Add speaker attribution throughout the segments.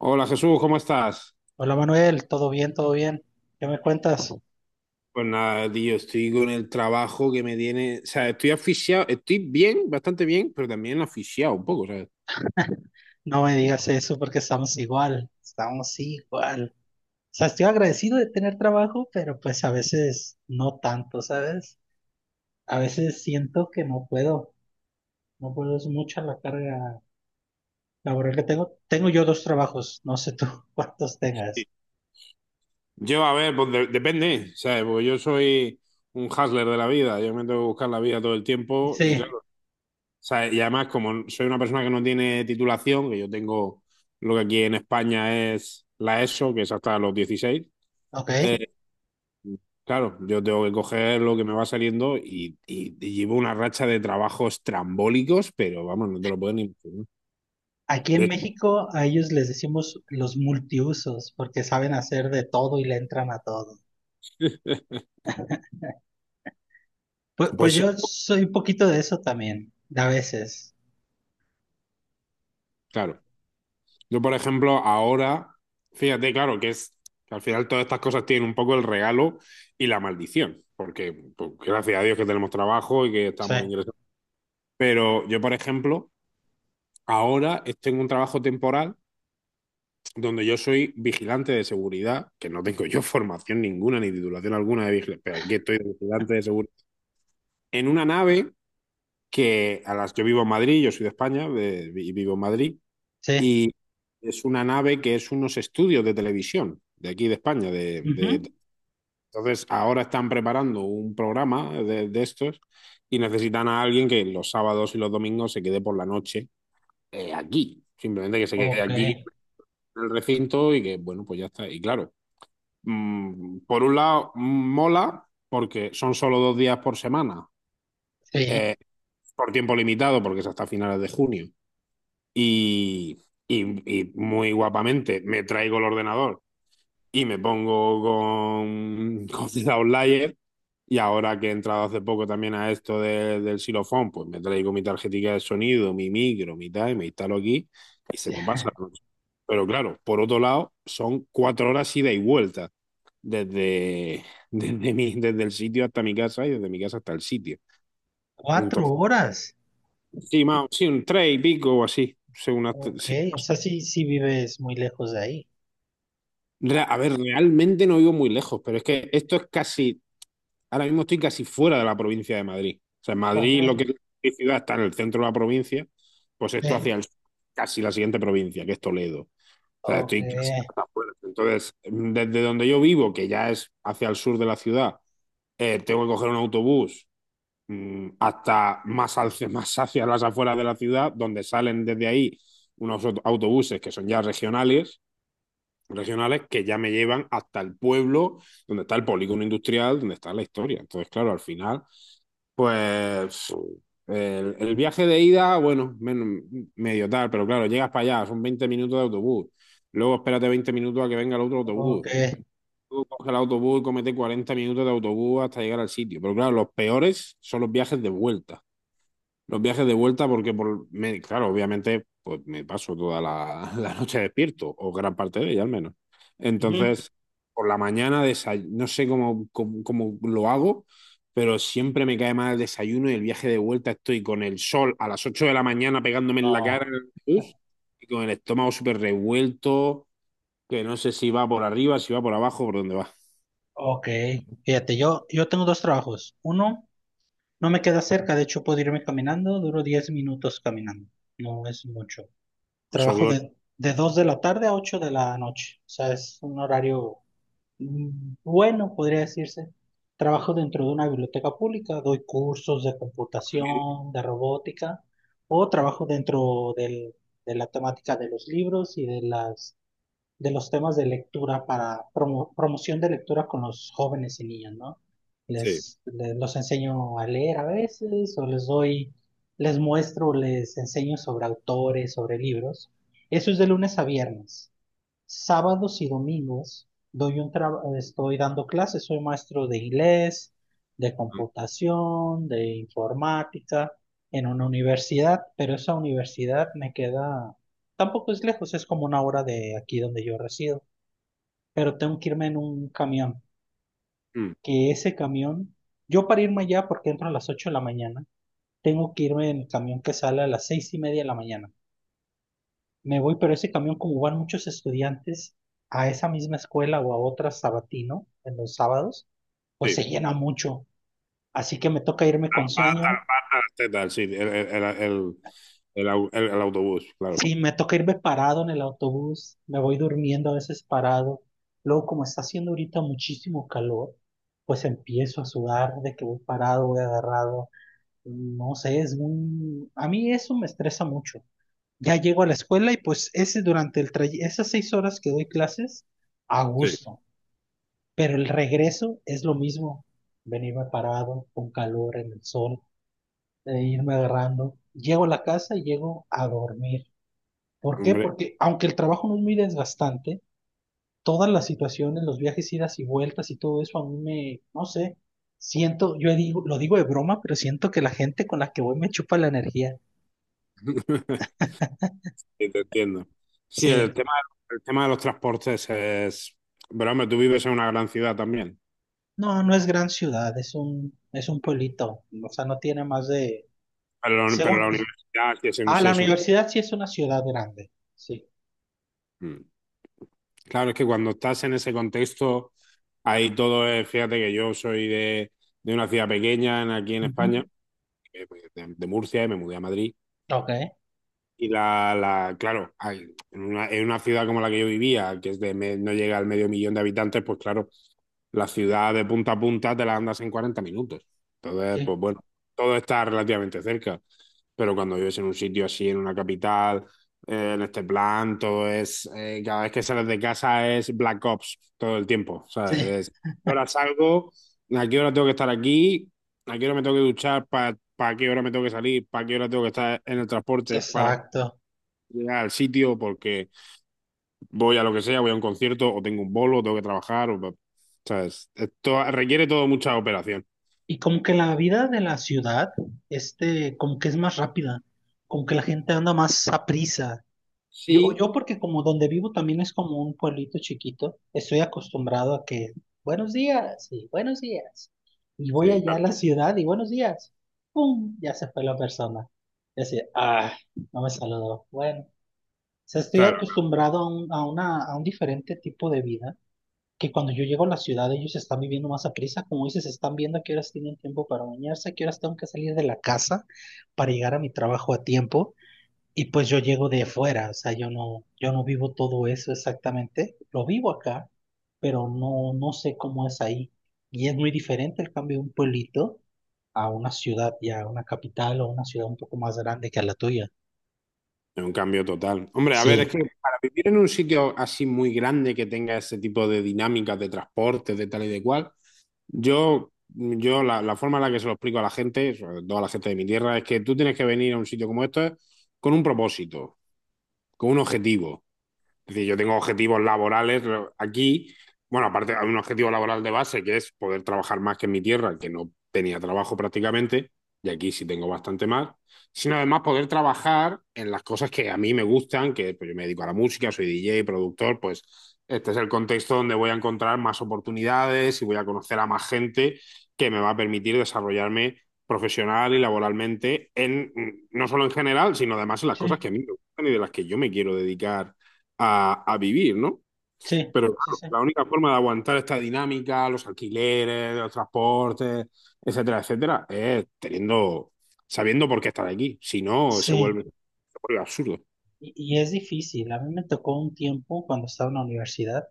Speaker 1: Hola Jesús, ¿cómo estás?
Speaker 2: Hola Manuel, ¿todo bien? ¿Todo bien? ¿Qué me cuentas?
Speaker 1: Pues nada, tío, estoy con el trabajo que me tiene. O sea, estoy asfixiado, estoy bien, bastante bien, pero también asfixiado un poco, ¿sabes?
Speaker 2: No me digas eso porque estamos igual, estamos igual. O sea, estoy agradecido de tener trabajo, pero pues a veces no tanto, ¿sabes? A veces siento que no puedo, no puedo, es mucha la carga laboral que tengo. Tengo yo dos trabajos, no sé tú cuántos tengas.
Speaker 1: Sí. Yo, a ver, pues depende, ¿sabes? Porque yo soy un hustler de la vida, yo me tengo que buscar la vida todo el tiempo y
Speaker 2: Sí,
Speaker 1: claro, ¿sabes? Y además, como soy una persona que no tiene titulación, que yo tengo lo que aquí en España es la ESO, que es hasta los 16.
Speaker 2: ok.
Speaker 1: Claro, yo tengo que coger lo que me va saliendo y llevo una racha de trabajos trambólicos, pero vamos, no te lo puedo ni imaginar.
Speaker 2: Aquí
Speaker 1: De
Speaker 2: en
Speaker 1: hecho,
Speaker 2: México a ellos les decimos los multiusos porque saben hacer de todo y le entran a todo. Pues
Speaker 1: pues sí,
Speaker 2: yo soy un poquito de eso también, a veces.
Speaker 1: claro. Yo, por ejemplo, ahora, fíjate, claro, que es que al final todas estas cosas tienen un poco el regalo y la maldición, porque pues, gracias a Dios que tenemos trabajo y que
Speaker 2: Sí,
Speaker 1: estamos ingresando. Pero yo, por ejemplo, ahora estoy en un trabajo temporal donde yo soy vigilante de seguridad, que no tengo yo formación ninguna ni titulación alguna de vigilante, pero aquí estoy de vigilante de seguridad en una nave que a las yo vivo en Madrid, yo soy de España, y vivo en Madrid,
Speaker 2: sí.
Speaker 1: y es una nave que es unos estudios de televisión de aquí de España.
Speaker 2: Ujú.
Speaker 1: Entonces, ahora están preparando un programa de estos y necesitan a alguien que los sábados y los domingos se quede por la noche, aquí. Simplemente que se quede
Speaker 2: Ok,
Speaker 1: aquí en el recinto y que, bueno, pues ya está. Y claro, por un lado, mola porque son solo dos días por semana,
Speaker 2: sí,
Speaker 1: eh, por tiempo limitado, porque es hasta finales de junio. Y muy guapamente me traigo el ordenador y me pongo con The Outlier. Y ahora que he entrado hace poco también a esto del xilofón, pues me traigo mi tarjetica de sonido, mi micro, mi tal, y me instalo aquí y se
Speaker 2: sí.
Speaker 1: me pasa la noche. Pero claro, por otro lado, son cuatro horas ida y vuelta desde, desde el sitio hasta mi casa y desde mi casa hasta el sitio.
Speaker 2: Cuatro
Speaker 1: Entonces,
Speaker 2: horas.
Speaker 1: sí, más, sí, un 3 y pico o así. Según
Speaker 2: Ok,
Speaker 1: sí.
Speaker 2: o sea, sí, sí vives muy lejos de ahí.
Speaker 1: A ver, realmente no vivo muy lejos, pero es que esto es casi, ahora mismo estoy casi fuera de la provincia de Madrid. O sea,
Speaker 2: Ok,
Speaker 1: Madrid, lo que es mi ciudad, está en el centro de la provincia, pues esto hacia
Speaker 2: sí.
Speaker 1: el sur, casi la siguiente provincia, que es Toledo. O sea,
Speaker 2: Ok,
Speaker 1: estoy casi hasta afuera. Entonces, desde donde yo vivo, que ya es hacia el sur de la ciudad, tengo que coger un autobús, hasta más, al, más hacia las afueras de la ciudad, donde salen desde ahí unos autobuses que son ya regionales, regionales que ya me llevan hasta el pueblo donde está el polígono industrial, donde está la historia. Entonces, claro, al final, pues el viaje de ida, bueno, menos, medio tal, pero claro, llegas para allá, son 20 minutos de autobús. Luego espérate 20 minutos a que venga el otro autobús.
Speaker 2: ok.
Speaker 1: Luego coge el autobús, comete 40 minutos de autobús hasta llegar al sitio. Pero claro, los peores son los viajes de vuelta, los viajes de vuelta, porque por, claro, obviamente, pues me paso toda la, la noche despierto, o gran parte de ella al menos.
Speaker 2: Ujú.
Speaker 1: Entonces, por la mañana no sé cómo, cómo lo hago, pero siempre me cae mal el desayuno y el viaje de vuelta estoy con el sol a las 8 de la mañana pegándome en la
Speaker 2: No,
Speaker 1: cara en el bus y con el estómago súper revuelto, que no sé si va por arriba, si va por abajo, por dónde va.
Speaker 2: ok. Fíjate, yo tengo dos trabajos. Uno, no me queda cerca, de hecho puedo irme caminando, duro 10 minutos caminando. No es mucho.
Speaker 1: Eso,
Speaker 2: Trabajo
Speaker 1: Gloria.
Speaker 2: de 2 de la tarde a 8 de la noche. O sea, es un horario. Bueno, podría decirse. Trabajo dentro de una biblioteca pública, doy cursos de computación, de robótica, o trabajo dentro de la temática de los libros y de los temas de lectura para promoción de lectura con los jóvenes y niños, ¿no?
Speaker 1: Sí.
Speaker 2: Los enseño a leer a veces, o les doy, les muestro, les enseño sobre autores, sobre libros. Eso es de lunes a viernes. Sábados y domingos estoy dando clases, soy maestro de inglés, de
Speaker 1: Mm,
Speaker 2: computación, de informática en una universidad, pero esa universidad me queda, tampoco es lejos, es como una hora de aquí donde yo resido, pero tengo que irme en un camión,
Speaker 1: mm,
Speaker 2: que ese camión, yo para irme allá porque entro a las 8 de la mañana, tengo que irme en el camión que sale a las 6:30 de la mañana. Me voy, pero ese camión, como van muchos estudiantes a esa misma escuela o a otra sabatino en los sábados, pues
Speaker 1: sí.
Speaker 2: se llena mucho. Así que me toca irme con
Speaker 1: Pata,
Speaker 2: sueño.
Speaker 1: pata, las tetas, sí, el, el autobús, claro.
Speaker 2: Sí, me toca irme parado en el autobús. Me voy durmiendo a veces parado. Luego, como está haciendo ahorita muchísimo calor, pues empiezo a sudar de que voy parado, voy agarrado. No sé, a mí eso me estresa mucho. Ya llego a la escuela y pues ese durante el tray- esas 6 horas que doy clases, a
Speaker 1: Sí,
Speaker 2: gusto. Pero el regreso es lo mismo. Venirme parado, con calor, en el sol, e irme agarrando. Llego a la casa y llego a dormir. ¿Por qué?
Speaker 1: hombre,
Speaker 2: Porque aunque el trabajo no es muy desgastante, todas las situaciones, los viajes, idas y vueltas y todo eso, a mí me, no sé, siento, yo digo, lo digo de broma, pero siento que la gente con la que voy me chupa la energía.
Speaker 1: sí, te entiendo. Sí,
Speaker 2: Sí,
Speaker 1: el tema de los transportes es... Pero hombre, tú vives en una gran ciudad también,
Speaker 2: no, no es gran ciudad, es un pueblito, o sea, no tiene más de,
Speaker 1: pero la
Speaker 2: según,
Speaker 1: universidad sí es un...
Speaker 2: ah,
Speaker 1: sí
Speaker 2: la
Speaker 1: es
Speaker 2: universidad sí es una ciudad grande, sí.
Speaker 1: mm. Claro, es que cuando estás en ese contexto, ahí todo es... Fíjate que yo soy de una ciudad pequeña aquí en
Speaker 2: Ujú.
Speaker 1: España, pues, de Murcia, y me mudé a Madrid.
Speaker 2: Ok,
Speaker 1: Y la claro, en una ciudad como la que yo vivía, que es no llega al medio millón de habitantes, pues claro, la ciudad de punta a punta te la andas en 40 minutos. Entonces, pues
Speaker 2: sí,
Speaker 1: bueno, todo está relativamente cerca. Pero cuando vives en un sitio así, en una capital, en este plan, todo es, cada vez que sales de casa es Black Ops todo el tiempo, ¿sabes?
Speaker 2: sí,
Speaker 1: Es, ¿a qué hora salgo? ¿A qué hora tengo que estar aquí? ¿A qué hora me tengo que duchar? ¿Para qué hora me tengo que salir? ¿Para qué hora tengo que estar en el transporte? ¿Para
Speaker 2: exacto.
Speaker 1: llegar al sitio porque voy a lo que sea, voy a un concierto o tengo un bolo, tengo que trabajar? O, ¿sabes? Esto requiere todo mucha operación.
Speaker 2: Y como que la vida de la ciudad, este, como que es más rápida, como que la gente anda más a prisa. Yo,
Speaker 1: Sí,
Speaker 2: yo porque como donde vivo también es como un pueblito chiquito, estoy acostumbrado a que buenos días. Y voy
Speaker 1: sí,
Speaker 2: allá a
Speaker 1: claro,
Speaker 2: la ciudad y buenos días. ¡Pum! Ya se fue la persona. Y así, ah, no me saludó. Bueno, o sea, estoy
Speaker 1: claro,
Speaker 2: acostumbrado a un diferente tipo de vida que cuando yo llego a la ciudad ellos están viviendo más a prisa, como dices, están viendo a qué horas tienen tiempo para bañarse, a qué horas tengo que salir de la casa para llegar a mi trabajo a tiempo, y pues yo llego de fuera, o sea, yo no vivo todo eso exactamente, lo vivo acá, pero no, no sé cómo es ahí, y es muy diferente el cambio de un pueblito a una ciudad ya, una capital o una ciudad un poco más grande que a la tuya.
Speaker 1: es un cambio total. Hombre, a ver, es
Speaker 2: Sí,
Speaker 1: que para vivir en un sitio así muy grande que tenga ese tipo de dinámicas de transporte, de tal y de cual, yo la forma en la que se lo explico a la gente, sobre todo a la gente de mi tierra, es que tú tienes que venir a un sitio como este con un propósito, con un objetivo. Es decir, yo tengo objetivos laborales, aquí. Bueno, aparte hay un objetivo laboral de base que es poder trabajar más que en mi tierra, que no tenía trabajo prácticamente, y aquí sí tengo bastante más, sino además poder trabajar en las cosas que a mí me gustan, que pues, yo me dedico a la música, soy DJ, productor, pues este es el contexto donde voy a encontrar más oportunidades y voy a conocer a más gente que me va a permitir desarrollarme profesional y laboralmente, en, no solo en general, sino además en las
Speaker 2: sí,
Speaker 1: cosas que a mí me gustan y de las que yo me quiero dedicar a vivir, ¿no?
Speaker 2: sí,
Speaker 1: Pero
Speaker 2: sí,
Speaker 1: claro,
Speaker 2: sí.
Speaker 1: la única forma de aguantar esta dinámica, los alquileres, los transportes, etcétera, etcétera, es teniendo, sabiendo por qué estar aquí. Si no,
Speaker 2: Sí,
Speaker 1: se vuelve absurdo.
Speaker 2: y es difícil. A mí me tocó un tiempo cuando estaba en la universidad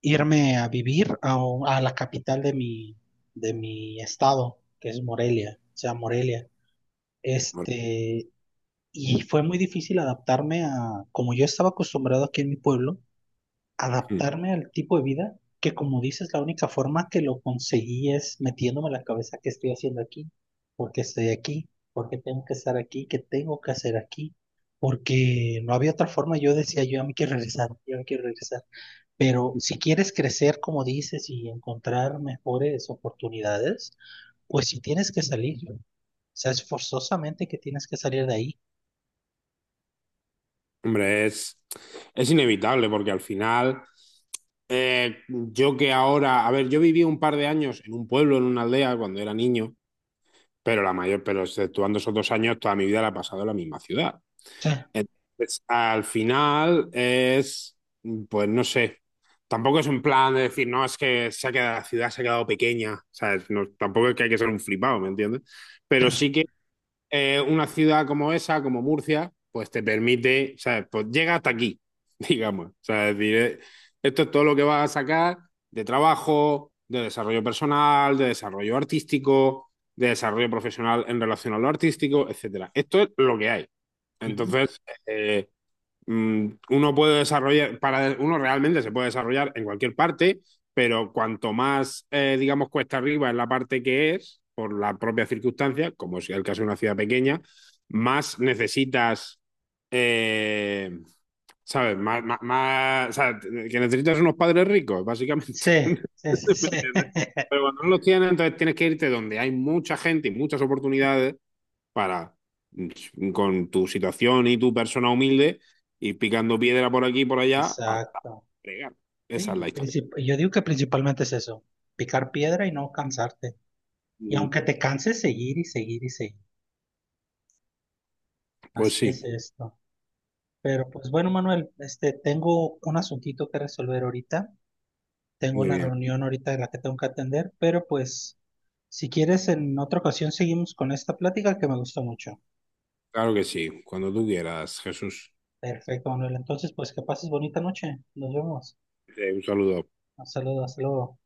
Speaker 2: irme a vivir a la capital de mi, estado, que es Morelia, o sea, Morelia.
Speaker 1: Bueno,
Speaker 2: Este, y fue muy difícil adaptarme a, como yo estaba acostumbrado aquí en mi pueblo,
Speaker 1: mm,
Speaker 2: adaptarme al tipo de vida que, como dices, la única forma que lo conseguí es metiéndome en la cabeza que estoy haciendo aquí, porque estoy aquí, porque tengo que estar aquí, que tengo que hacer aquí, porque no había otra forma. Yo decía, yo a mí quiero regresar, yo me quiero regresar. Pero si quieres crecer, como dices, y encontrar mejores oportunidades, pues sí tienes que salir. O sea, es forzosamente que tienes que salir de ahí.
Speaker 1: hombre, es inevitable porque al final, yo que ahora, a ver, yo viví un par de años en un pueblo, en una aldea, cuando era niño, pero la mayor, pero exceptuando esos dos años, toda mi vida la he pasado en la misma ciudad.
Speaker 2: Sí,
Speaker 1: Entonces, al final es, pues no sé, tampoco es un plan de decir, no, es que se ha quedado, la ciudad se ha quedado pequeña, ¿sabes? No, tampoco es que hay que ser un flipado, ¿me entiendes? Pero sí, una ciudad como esa, como Murcia, pues te permite, ¿sabes? Pues llega hasta aquí, digamos. O sea, es decir, esto es todo lo que vas a sacar de trabajo, de desarrollo personal, de desarrollo artístico, de desarrollo profesional en relación a lo artístico, etcétera. Esto es lo que hay.
Speaker 2: Ujú.
Speaker 1: Entonces, mm, uno puede desarrollar, para, uno realmente se puede desarrollar en cualquier parte, pero cuanto más, digamos, cuesta arriba en la parte que es, por la propia circunstancia, como es el caso de una ciudad pequeña, más necesitas, eh, ¿sabes? Más, más, o sea, que necesitas unos padres ricos, básicamente.
Speaker 2: Sí,
Speaker 1: ¿Me
Speaker 2: sí, sí. Sí.
Speaker 1: entiendes? Pero cuando no los tienes, entonces tienes que irte donde hay mucha gente y muchas oportunidades para con tu situación y tu persona humilde ir picando piedra por aquí y por allá hasta
Speaker 2: Exacto.
Speaker 1: fregar.
Speaker 2: Sí,
Speaker 1: Esa es la historia.
Speaker 2: yo digo que principalmente es eso, picar piedra y no cansarte. Y
Speaker 1: Mm,
Speaker 2: aunque te canses, seguir y seguir y seguir.
Speaker 1: pues
Speaker 2: Así es
Speaker 1: sí,
Speaker 2: esto. Pero pues bueno, Manuel, este, tengo un asuntito que resolver ahorita. Tengo
Speaker 1: muy
Speaker 2: una
Speaker 1: bien.
Speaker 2: reunión ahorita de la que tengo que atender, pero pues si quieres en otra ocasión seguimos con esta plática que me gustó mucho.
Speaker 1: Claro que sí, cuando tú quieras, Jesús.
Speaker 2: Perfecto, Manuel. Entonces, pues que pases bonita noche. Nos vemos.
Speaker 1: Un saludo.
Speaker 2: Saludos, hasta luego.